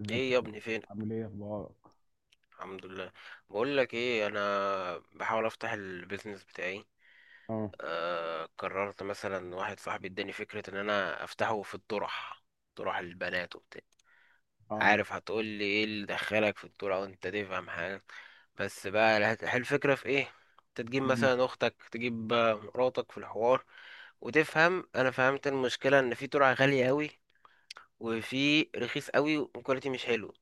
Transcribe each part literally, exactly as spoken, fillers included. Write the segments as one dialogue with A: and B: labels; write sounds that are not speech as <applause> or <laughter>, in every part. A: ازيك؟
B: ايه يا ابني؟ فين؟
A: عامل ايه، اخبارك؟
B: الحمد لله. بقول لك ايه، انا بحاول افتح البيزنس بتاعي.
A: اه،
B: آه قررت مثلا، واحد صاحبي اداني فكرة ان انا افتحه في الطرح، طرح البنات وبتاع.
A: اه.
B: عارف هتقول لي ايه اللي دخلك في الطرح وانت تفهم حاجة؟ بس بقى الهت- هل الفكرة في ايه؟ انت تجيب
A: مم.
B: مثلا اختك، تجيب آه، مراتك في الحوار وتفهم. انا فهمت المشكلة، ان في طرح غالي قوي، وفي رخيص قوي والكواليتي مش حلو.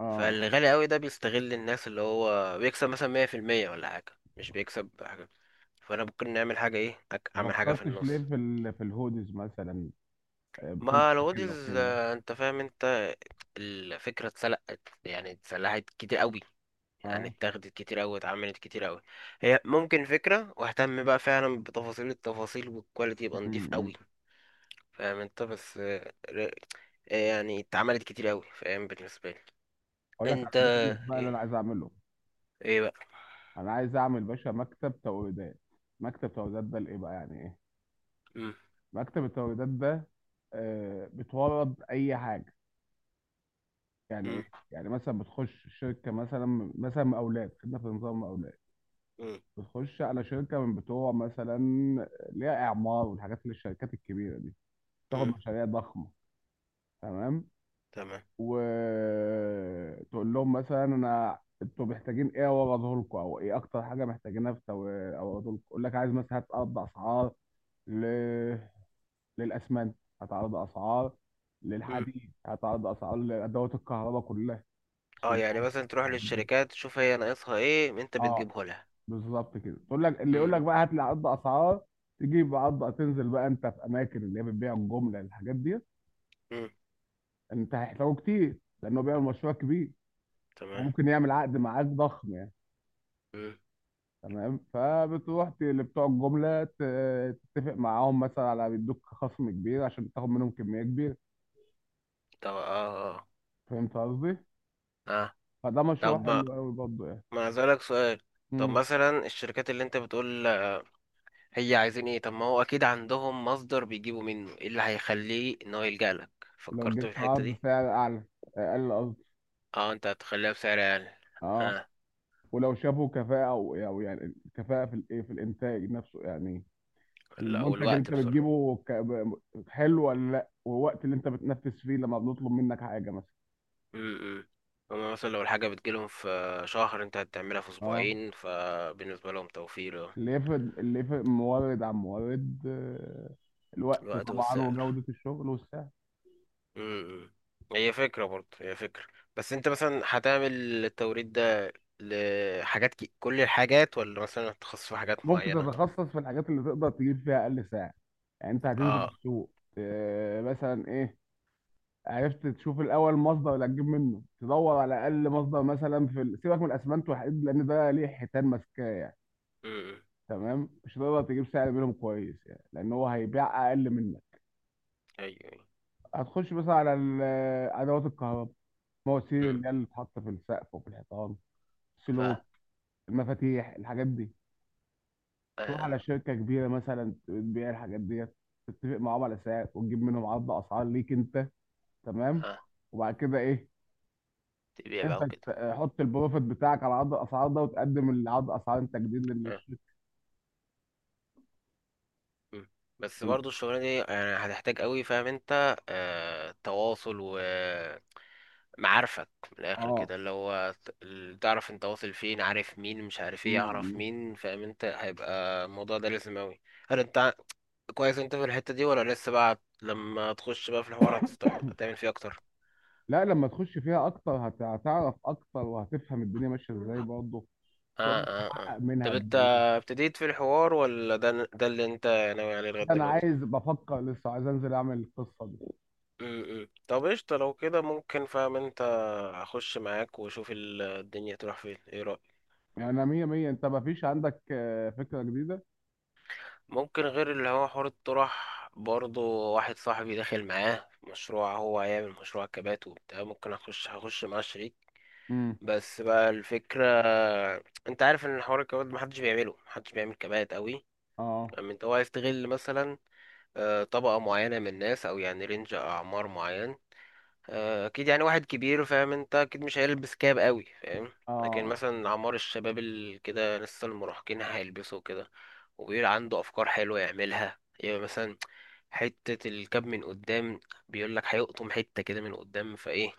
A: اه.
B: فالغالي قوي ده بيستغل الناس، اللي هو بيكسب مثلا مية في المية ولا حاجة، مش بيكسب حاجة. فأنا ممكن نعمل حاجة إيه، أك-
A: ما
B: أعمل حاجة في
A: فكرتش ليه
B: النص.
A: في ال... في الهودز مثلا؟ آه،
B: ما
A: بتنفع
B: الوديز،
A: كده وكده.
B: أنت فاهم أنت. الفكرة اتسلقت، يعني اتسلحت كتير قوي، يعني
A: اه،
B: اتاخدت كتير قوي، اتعملت كتير قوي. هي ممكن فكرة، واهتم بقى فعلا بتفاصيل التفاصيل والكواليتي، يبقى نضيف
A: مم، مم.
B: قوي. فاهم أنت؟ بس آه، ر- آه، يعني اتعملت كتير قوي، فاهم بالنسبة لي.
A: اقول لك على
B: أنت؟
A: البيزنس بقى اللي
B: إيه؟
A: انا عايز اعمله.
B: إيه بقى؟
A: انا عايز اعمل باشا مكتب توريدات. مكتب توريدات ده لايه بقى؟ يعني ايه؟
B: مم.
A: مكتب التوريدات ده آه، بتورد اي حاجه يعني؟ ايه؟
B: مم.
A: يعني مثلا بتخش شركه مثلا مثلا مقاولات، خدنا في نظام مقاولات.
B: مم.
A: بتخش على شركه من بتوع مثلا، ليها اعمار والحاجات، اللي الشركات الكبيره دي تاخد
B: مم.
A: مشاريع ضخمه. تمام.
B: تمام.
A: وتقول لهم مثلا انا، انتوا محتاجين ايه اوضه لكم؟ او ايه اكتر حاجه محتاجينها في اوضه لكم؟ يقول لك عايز مثلا. هتعرض اسعار ل... للاسمنت، هتعرض اسعار
B: مم.
A: للحديد، هتعرض اسعار لادوات الكهرباء كلها،
B: اه
A: السلوك،
B: يعني مثلا تروح
A: الحديد دي.
B: للشركات، تشوف هي ناقصها ايه انت
A: اه،
B: بتجيبه لها.
A: بالظبط كده. تقول لك، اللي يقول
B: مم.
A: لك بقى هات لي عقد اسعار. تجيب عقد. تنزل بقى انت في اماكن اللي هي بتبيع الجمله الحاجات دي.
B: مم.
A: انت هيحتاجه كتير لانه بيعمل مشروع كبير. هو
B: تمام.
A: ممكن يعمل عقد معاك ضخم يعني.
B: مم.
A: تمام. فبتروح ت- لبتوع الجمله، ت- تتفق معاهم مثلا على بيدوك خصم كبير عشان تاخد منهم كميه كبيره.
B: طب اه اه
A: فهمت قصدي؟
B: اه
A: فده مشروع
B: طب ما
A: حلو قوي برضه يعني.
B: ما اسالك سؤال. طب
A: مم.
B: مثلا الشركات اللي انت بتقول، هي عايزين ايه؟ طب ما هو اكيد عندهم مصدر بيجيبوا منه، ايه اللي هيخليه ان هو يلجأ لك؟
A: لو
B: فكرت
A: جبت
B: في الحتة
A: عرض
B: دي؟
A: سعر اعلى، اقل قصدي.
B: اه انت هتخليها بسعر اقل.
A: اه.
B: اه.
A: ولو شافوا كفاءه او أو يعني كفاءه في الايه، في الانتاج نفسه يعني.
B: لا، او
A: المنتج اللي
B: الوقت
A: انت
B: بسرعة.
A: بتجيبه ك- ب- حلو ولا لا؟ والوقت اللي انت بتنفذ فيه لما بنطلب منك حاجه مثلا.
B: امم. هما مثلا لو الحاجة بتجيلهم في شهر، انت هتعملها في
A: اه.
B: اسبوعين، فبالنسبة لهم توفير. اه.
A: اللي يفرق اللي يفرق مورد عن مورد آه، الوقت
B: الوقت
A: طبعا
B: والسعر.
A: وجوده الشغل والسعر.
B: امم. هي فكرة برضه، هي فكرة. بس انت مثلا هتعمل التوريد ده لحاجات كي... كل الحاجات، ولا مثلا هتخصص في حاجات
A: ممكن
B: معينة؟
A: تتخصص في الحاجات اللي تقدر تجيب فيها اقل سعر. يعني انت هتنزل
B: اه.
A: السوق آه، مثلا ايه. عرفت تشوف الاول مصدر اللي هتجيب منه، تدور على اقل مصدر مثلا في ال- سيبك من الاسمنت والحديد، لان ده ليه حيتان ماسكاه.
B: امم.
A: تمام. مش هتقدر تجيب سعر منهم كويس يعني، لان هو هيبيع اقل منه.
B: ايوه ايوه.
A: هتخش مثلا على ال- ادوات الكهرباء. المواسير
B: امم.
A: اللي هي اللي بتتحط في السقف وفي الحيطان،
B: ف،
A: السلوك، المفاتيح، الحاجات دي. تروح
B: اه
A: على شركه كبيره مثلا بتبيع الحاجات ديت، تتفق معاهم على سعر وتجيب منهم عرض اسعار ليك انت. تمام.
B: اه
A: وبعد كده ايه؟
B: تبيع بقى
A: انت
B: وكده.
A: تحط البروفيت بتاعك على عرض الاسعار ده، وتقدم العرض اسعار انت جديد
B: آه.
A: للشركه.
B: مم. بس برضه الشغلانة دي يعني هتحتاج قوي، فاهم انت، آه... تواصل و معارفك من الاخر
A: اه
B: كده، اللي هو ت- اللي تعرف انت واصل فين، عارف مين، مش عارف
A: م-
B: ايه، يعرف
A: م.
B: مين، فاهم انت، هيبقى الموضوع ده لازم اوي. هل انت ع- كويس انت في الحتة دي، ولا لسه بقى لما تخش بقى في الحوار هتست- هتعمل فيه اكتر؟
A: لا، لما تخش فيها اكتر هت- هتعرف اكتر وهتفهم الدنيا ماشيه ازاي برضه.
B: اه
A: تقدر
B: اه
A: تحقق
B: اه
A: منها
B: طب انت
A: قد ايه؟
B: ابتديت في الحوار، ولا ده ده اللي انت ناوي عليه لغاية
A: انا
B: دلوقتي؟
A: عايز، بفكر لسه، عايز انزل اعمل القصه دي.
B: امم. طب قشطة، لو كده ممكن، فاهم انت، اخش معاك واشوف ال- الدنيا تروح فين. ايه رأيك؟
A: يعني انا مية مية. انت ما فيش عندك آه، فكره جديده؟
B: ممكن غير اللي هو حوار الطرح برضه، واحد صاحبي داخل معاه في مشروع، هو هيعمل مشروع كبات وبتاع، ممكن اخش هخش معاه شريك.
A: امم.
B: بس بقى الفكرة، انت عارف ان حوار الكبات محدش بيعمله، محدش بيعمل كبات قوي.
A: اه،
B: لما انت هو هيستغل مثلا آه، طبقة معينة من الناس، او يعني رينج اعمار معين. آه، اكيد يعني واحد كبير، فاهم انت، اكيد مش هيلبس كاب قوي، فاهم. لكن
A: اه.
B: مثلا اعمار الشباب اللي كده لسه المراهقين هيلبسوا كده، وبيبقى عنده افكار حلوة يعملها. يبقى مثلا حتة الكاب من قدام، بيقول لك هيقطم حتة كده من قدام فايه.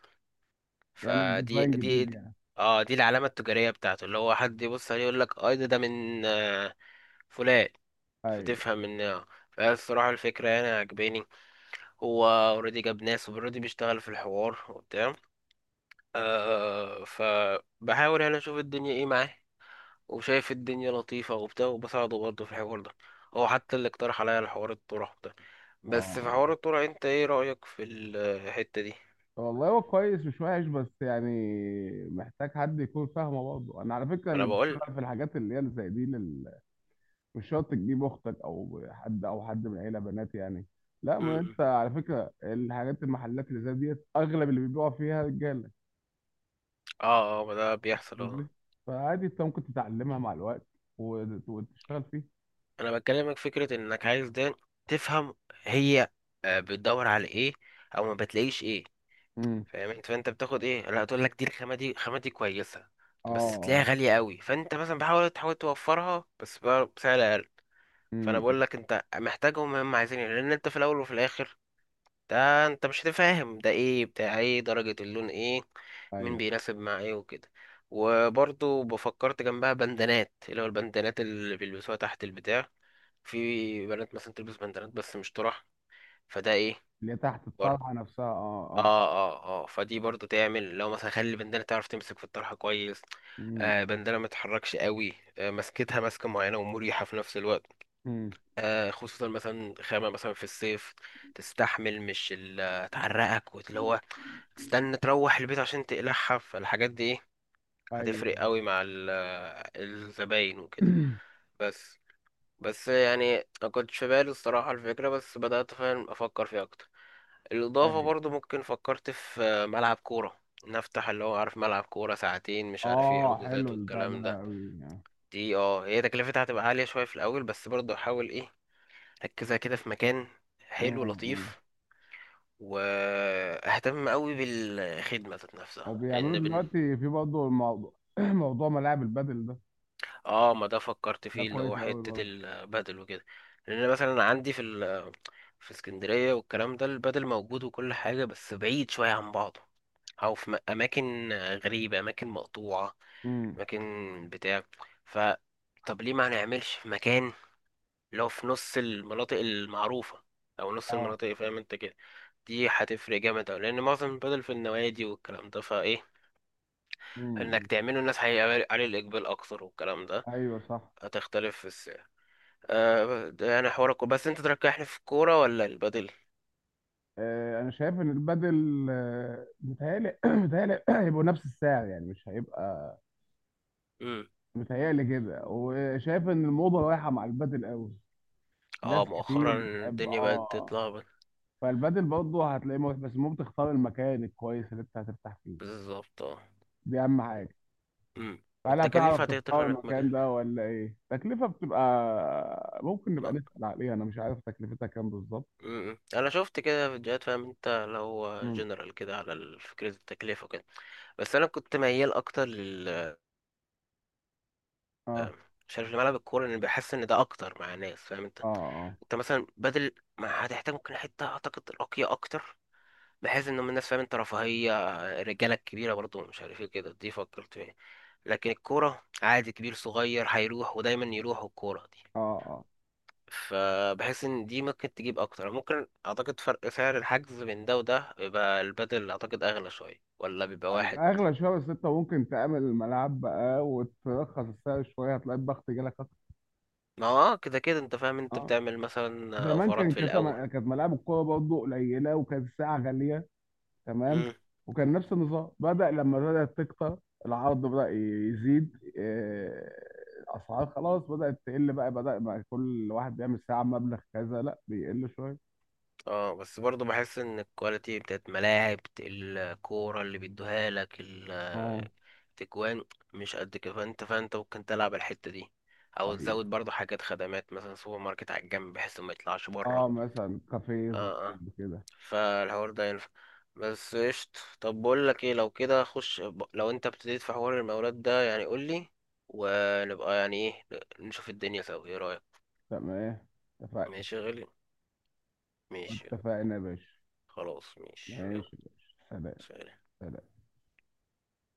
A: يعمل
B: فدي
A: ديزاين
B: دي
A: جديد
B: دي-
A: يعني.
B: اه دي العلامة التجارية بتاعته، اللي هو حد يبص عليه يقول لك اه ده ده من آه، فلان.
A: اي،
B: فتفهم ان آه. فالصراحة الفكرة يعني عجباني. هو اوريدي جاب ناس، اوريدي بيشتغل في الحوار وبتاع، آه فبحاول يعني اشوف الدنيا ايه معاه، وشايف الدنيا لطيفة وبتاع، وبساعده برضه في الحوار ده. هو حتى اللي اقترح عليا الحوار، الطرح ده. بس في
A: اه.
B: حوار الطرح، انت ايه رأيك في الحتة دي؟
A: طب والله هو كويس، مش وحش بس يعني محتاج حد يكون فاهمه برضه. انا على فكره
B: ما انا
A: اللي
B: بقول.
A: بيشتغل في الحاجات اللي هي اللي زي دي لل... مش شرط تجيب اختك او حد او حد من العيله بنات يعني. لا،
B: م-
A: ما
B: م.
A: انت على فكره، الحاجات، المحلات اللي زي ديت اغلب اللي بيبيعوا فيها رجاله.
B: اه اه ما ده بيحصل.
A: قصدي؟
B: اه.
A: فعادي انت ممكن تتعلمها مع الوقت وت- وتشتغل فيه.
B: انا بكلمك فكرة انك عايز ده تفهم هي آه، بتدور على ايه، او ما بتلاقيش ايه،
A: امم.
B: فاهم انت. فانت بتاخد ايه لا، تقول لك دي الخامة، دي خامة دي كويسة،
A: اه،
B: بس تلاقيها
A: اه.
B: غالية قوي. فانت مثلا بحاول تحاول توفرها بس بقى بسعر اقل. فانا
A: امم.
B: بقول لك انت محتاجهم، هم عايزين إيه، لان انت في الاول وفي الاخر ده، انت مش هتفهم ده ايه، بتاع ايه، درجة اللون ايه، مين
A: ايوه،
B: بيناسب مع ايه، وكده. وبرضو بفكرت جنبها بندانات، اللي هو البندانات اللي بيلبسوها تحت البتاع. في بنات مثلا تلبس بندانات بس مش طرح. فده ايه؟
A: اللي هي تحت
B: برضو.
A: الطلحه نفسها. اه،
B: اه.
A: اه.
B: اه اه فدي برضو تعمل، لو مثلا خلي البندانة تعرف تمسك في الطرحة كويس،
A: امم.
B: آه بندانة ما تتحركش قوي، آه مسكتها ماسكة معينة ومريحة في نفس الوقت.
A: امم.
B: آه، خصوصا مثلا خامة مثلا في الصيف تستحمل، مش ال- تعرقك واللي هو تستنى تروح البيت عشان تقلعها. فالحاجات دي ايه،
A: ايوه.
B: هتفرق قوي مع ال- الزباين وكده.
A: <clears throat>
B: بس بس يعني ما كنتش في بالي الصراحة الفكرة، بس بدأت فعلا أفكر فيها أكتر. الإضافة
A: ايوه.
B: برضو، ممكن فكرت في آه، ملعب كورة، نفتح اللي هو، عارف، ملعب كورة ساعتين، مش عارف ايه،
A: اه، حلو
B: حجوزات
A: البتاع
B: والكلام
A: ده
B: ده.
A: قوي يعني.
B: دي اه، هي تكلفتها هتبقى عالية شوية في الأول، بس برضو أحاول ايه، ركزها كده في مكان
A: امم.
B: حلو
A: امم.
B: لطيف، واهتم قوي بالخدمه ذات نفسها،
A: وبيعملوا
B: لان بن...
A: دلوقتي في برضه الموضوع، <clears throat> موضوع ملاعب البادل ده.
B: اه ما ده فكرت
A: ده
B: فيه، اللي هو
A: كويس قوي
B: حته
A: برضه.
B: البدل وكده. لان مثلا عندي في ال... في اسكندريه والكلام ده، البدل موجود وكل حاجه بس بعيد شويه عن بعضه، او في م- اماكن غريبه، اماكن مقطوعه،
A: امم.
B: اماكن بتاع. ف، طب ليه ما نعملش في مكان اللي هو في نص المناطق المعروفة، أو نص
A: اه.
B: المناطق، فاهم أنت كده. دي هتفرق جامد أوي، لأن معظم البدل في النوادي والكلام ده. فإيه، إنك
A: امم.
B: تعمله الناس هيبقى عليه الإقبال أكتر والكلام ده.
A: ايوه، صح.
B: هتختلف في السعر. آه، ده يعني حوارك بس أنت تركحني في الكورة ولا البدل؟
A: آه، انا شايف ان البادل آه، متهيألي <clears throat> متهيألي <clears throat> هيبقوا نفس السعر، يعني مش هيبقى.
B: مم.
A: متهيألي كده. وشايف ان الموضه رايحه مع البادل قوي. ناس
B: اه
A: كتير
B: مؤخرا
A: بتحب.
B: الدنيا بقت
A: اه.
B: تتلخبط.
A: فالبادل برضه هتلاقيه مريح، بس ممكن تختار المكان الكويس اللي انت هترتاح فيه.
B: بالظبط اه.
A: دي اهم حاجه.
B: مم.
A: هل
B: والتكاليف
A: هتعرف
B: هتقدر
A: تختار
B: انك
A: المكان
B: مكان.
A: ده ولا ايه؟ تكلفه بتبقى ممكن
B: لا.
A: نبقى نسأل عليها. انا مش عارف تكلفتها كام بالظبط.
B: مم. انا شفت كده فيديوهات، فاهم انت، لو
A: مم.
B: جنرال كده على ال- فكرة التكلفة كده. بس انا كنت ميال اكتر لل،
A: اه،
B: مش عارف، لملعب الكوره، لان بحس ان ده اكتر مع ناس، فاهم انت.
A: اه، اه،
B: انت مثلا بدل، ما هتحتاج ممكن حته اعتقد راقيه اكتر، بحيث ان هم الناس، فاهم انت، رفاهيه، الرجاله الكبيره برضو، مش عارف ايه، كده دي فكرت فيها. لكن الكوره عادي، كبير صغير هيروح، ودايما يروح الكوره دي.
A: اه، اه.
B: فبحس ان دي ممكن تجيب اكتر، ممكن اعتقد فرق سعر الحجز بين ده وده، بيبقى البدل اعتقد اغلى شويه، ولا بيبقى واحد؟
A: هيبقى اغلى شويه، بس انت ممكن تعمل الملعب بقى وترخص السعر شويه، هتلاقي الضغط جالك اكتر.
B: ما هو اه كده كده انت، فاهم انت،
A: اه.
B: بتعمل مثلا
A: زمان
B: اوفرات
A: كان
B: في
A: كانت
B: الاول.
A: كانت ملاعب الكوره برضه قليله، وكانت الساعه غاليه. تمام.
B: مم.
A: وكان نفس النظام بدأ لما بدأت تكتر، العرض بدأ يزيد آه، الأسعار خلاص بدأت تقل بقى، بدأ بقى كل واحد بيعمل ساعة مبلغ كذا، لا بيقل شوية.
B: اه بس برضو بحس ان الكواليتي بتاعت ملاعب الكورة اللي بيدوها لك ال-
A: اه،
B: التجوان مش قد كده. فانت فانت ممكن تلعب الحتة دي، او
A: حقيقي.
B: تزود برضو حاجات، خدمات مثلا سوبر ماركت على الجنب، بحيث ما يطلعش بره.
A: اه، مثلا كافيه
B: اه اه
A: صغير كده.
B: فالحوار ده ينفع. بس قشط، طب بقول لك ايه، لو كده خش ب- لو انت ابتديت في حوار المولات ده يعني قول لي، ونبقى يعني ايه، نشوف الدنيا سوا. ايه رأيك؟
A: تمام. اتفقنا.
B: ماشي يا غالي. ماشي.
A: اتفقنا يا باشا.
B: خلاص ماشي يلا.
A: ماشي يا باشا. سلام.
B: سلام.
A: سلام.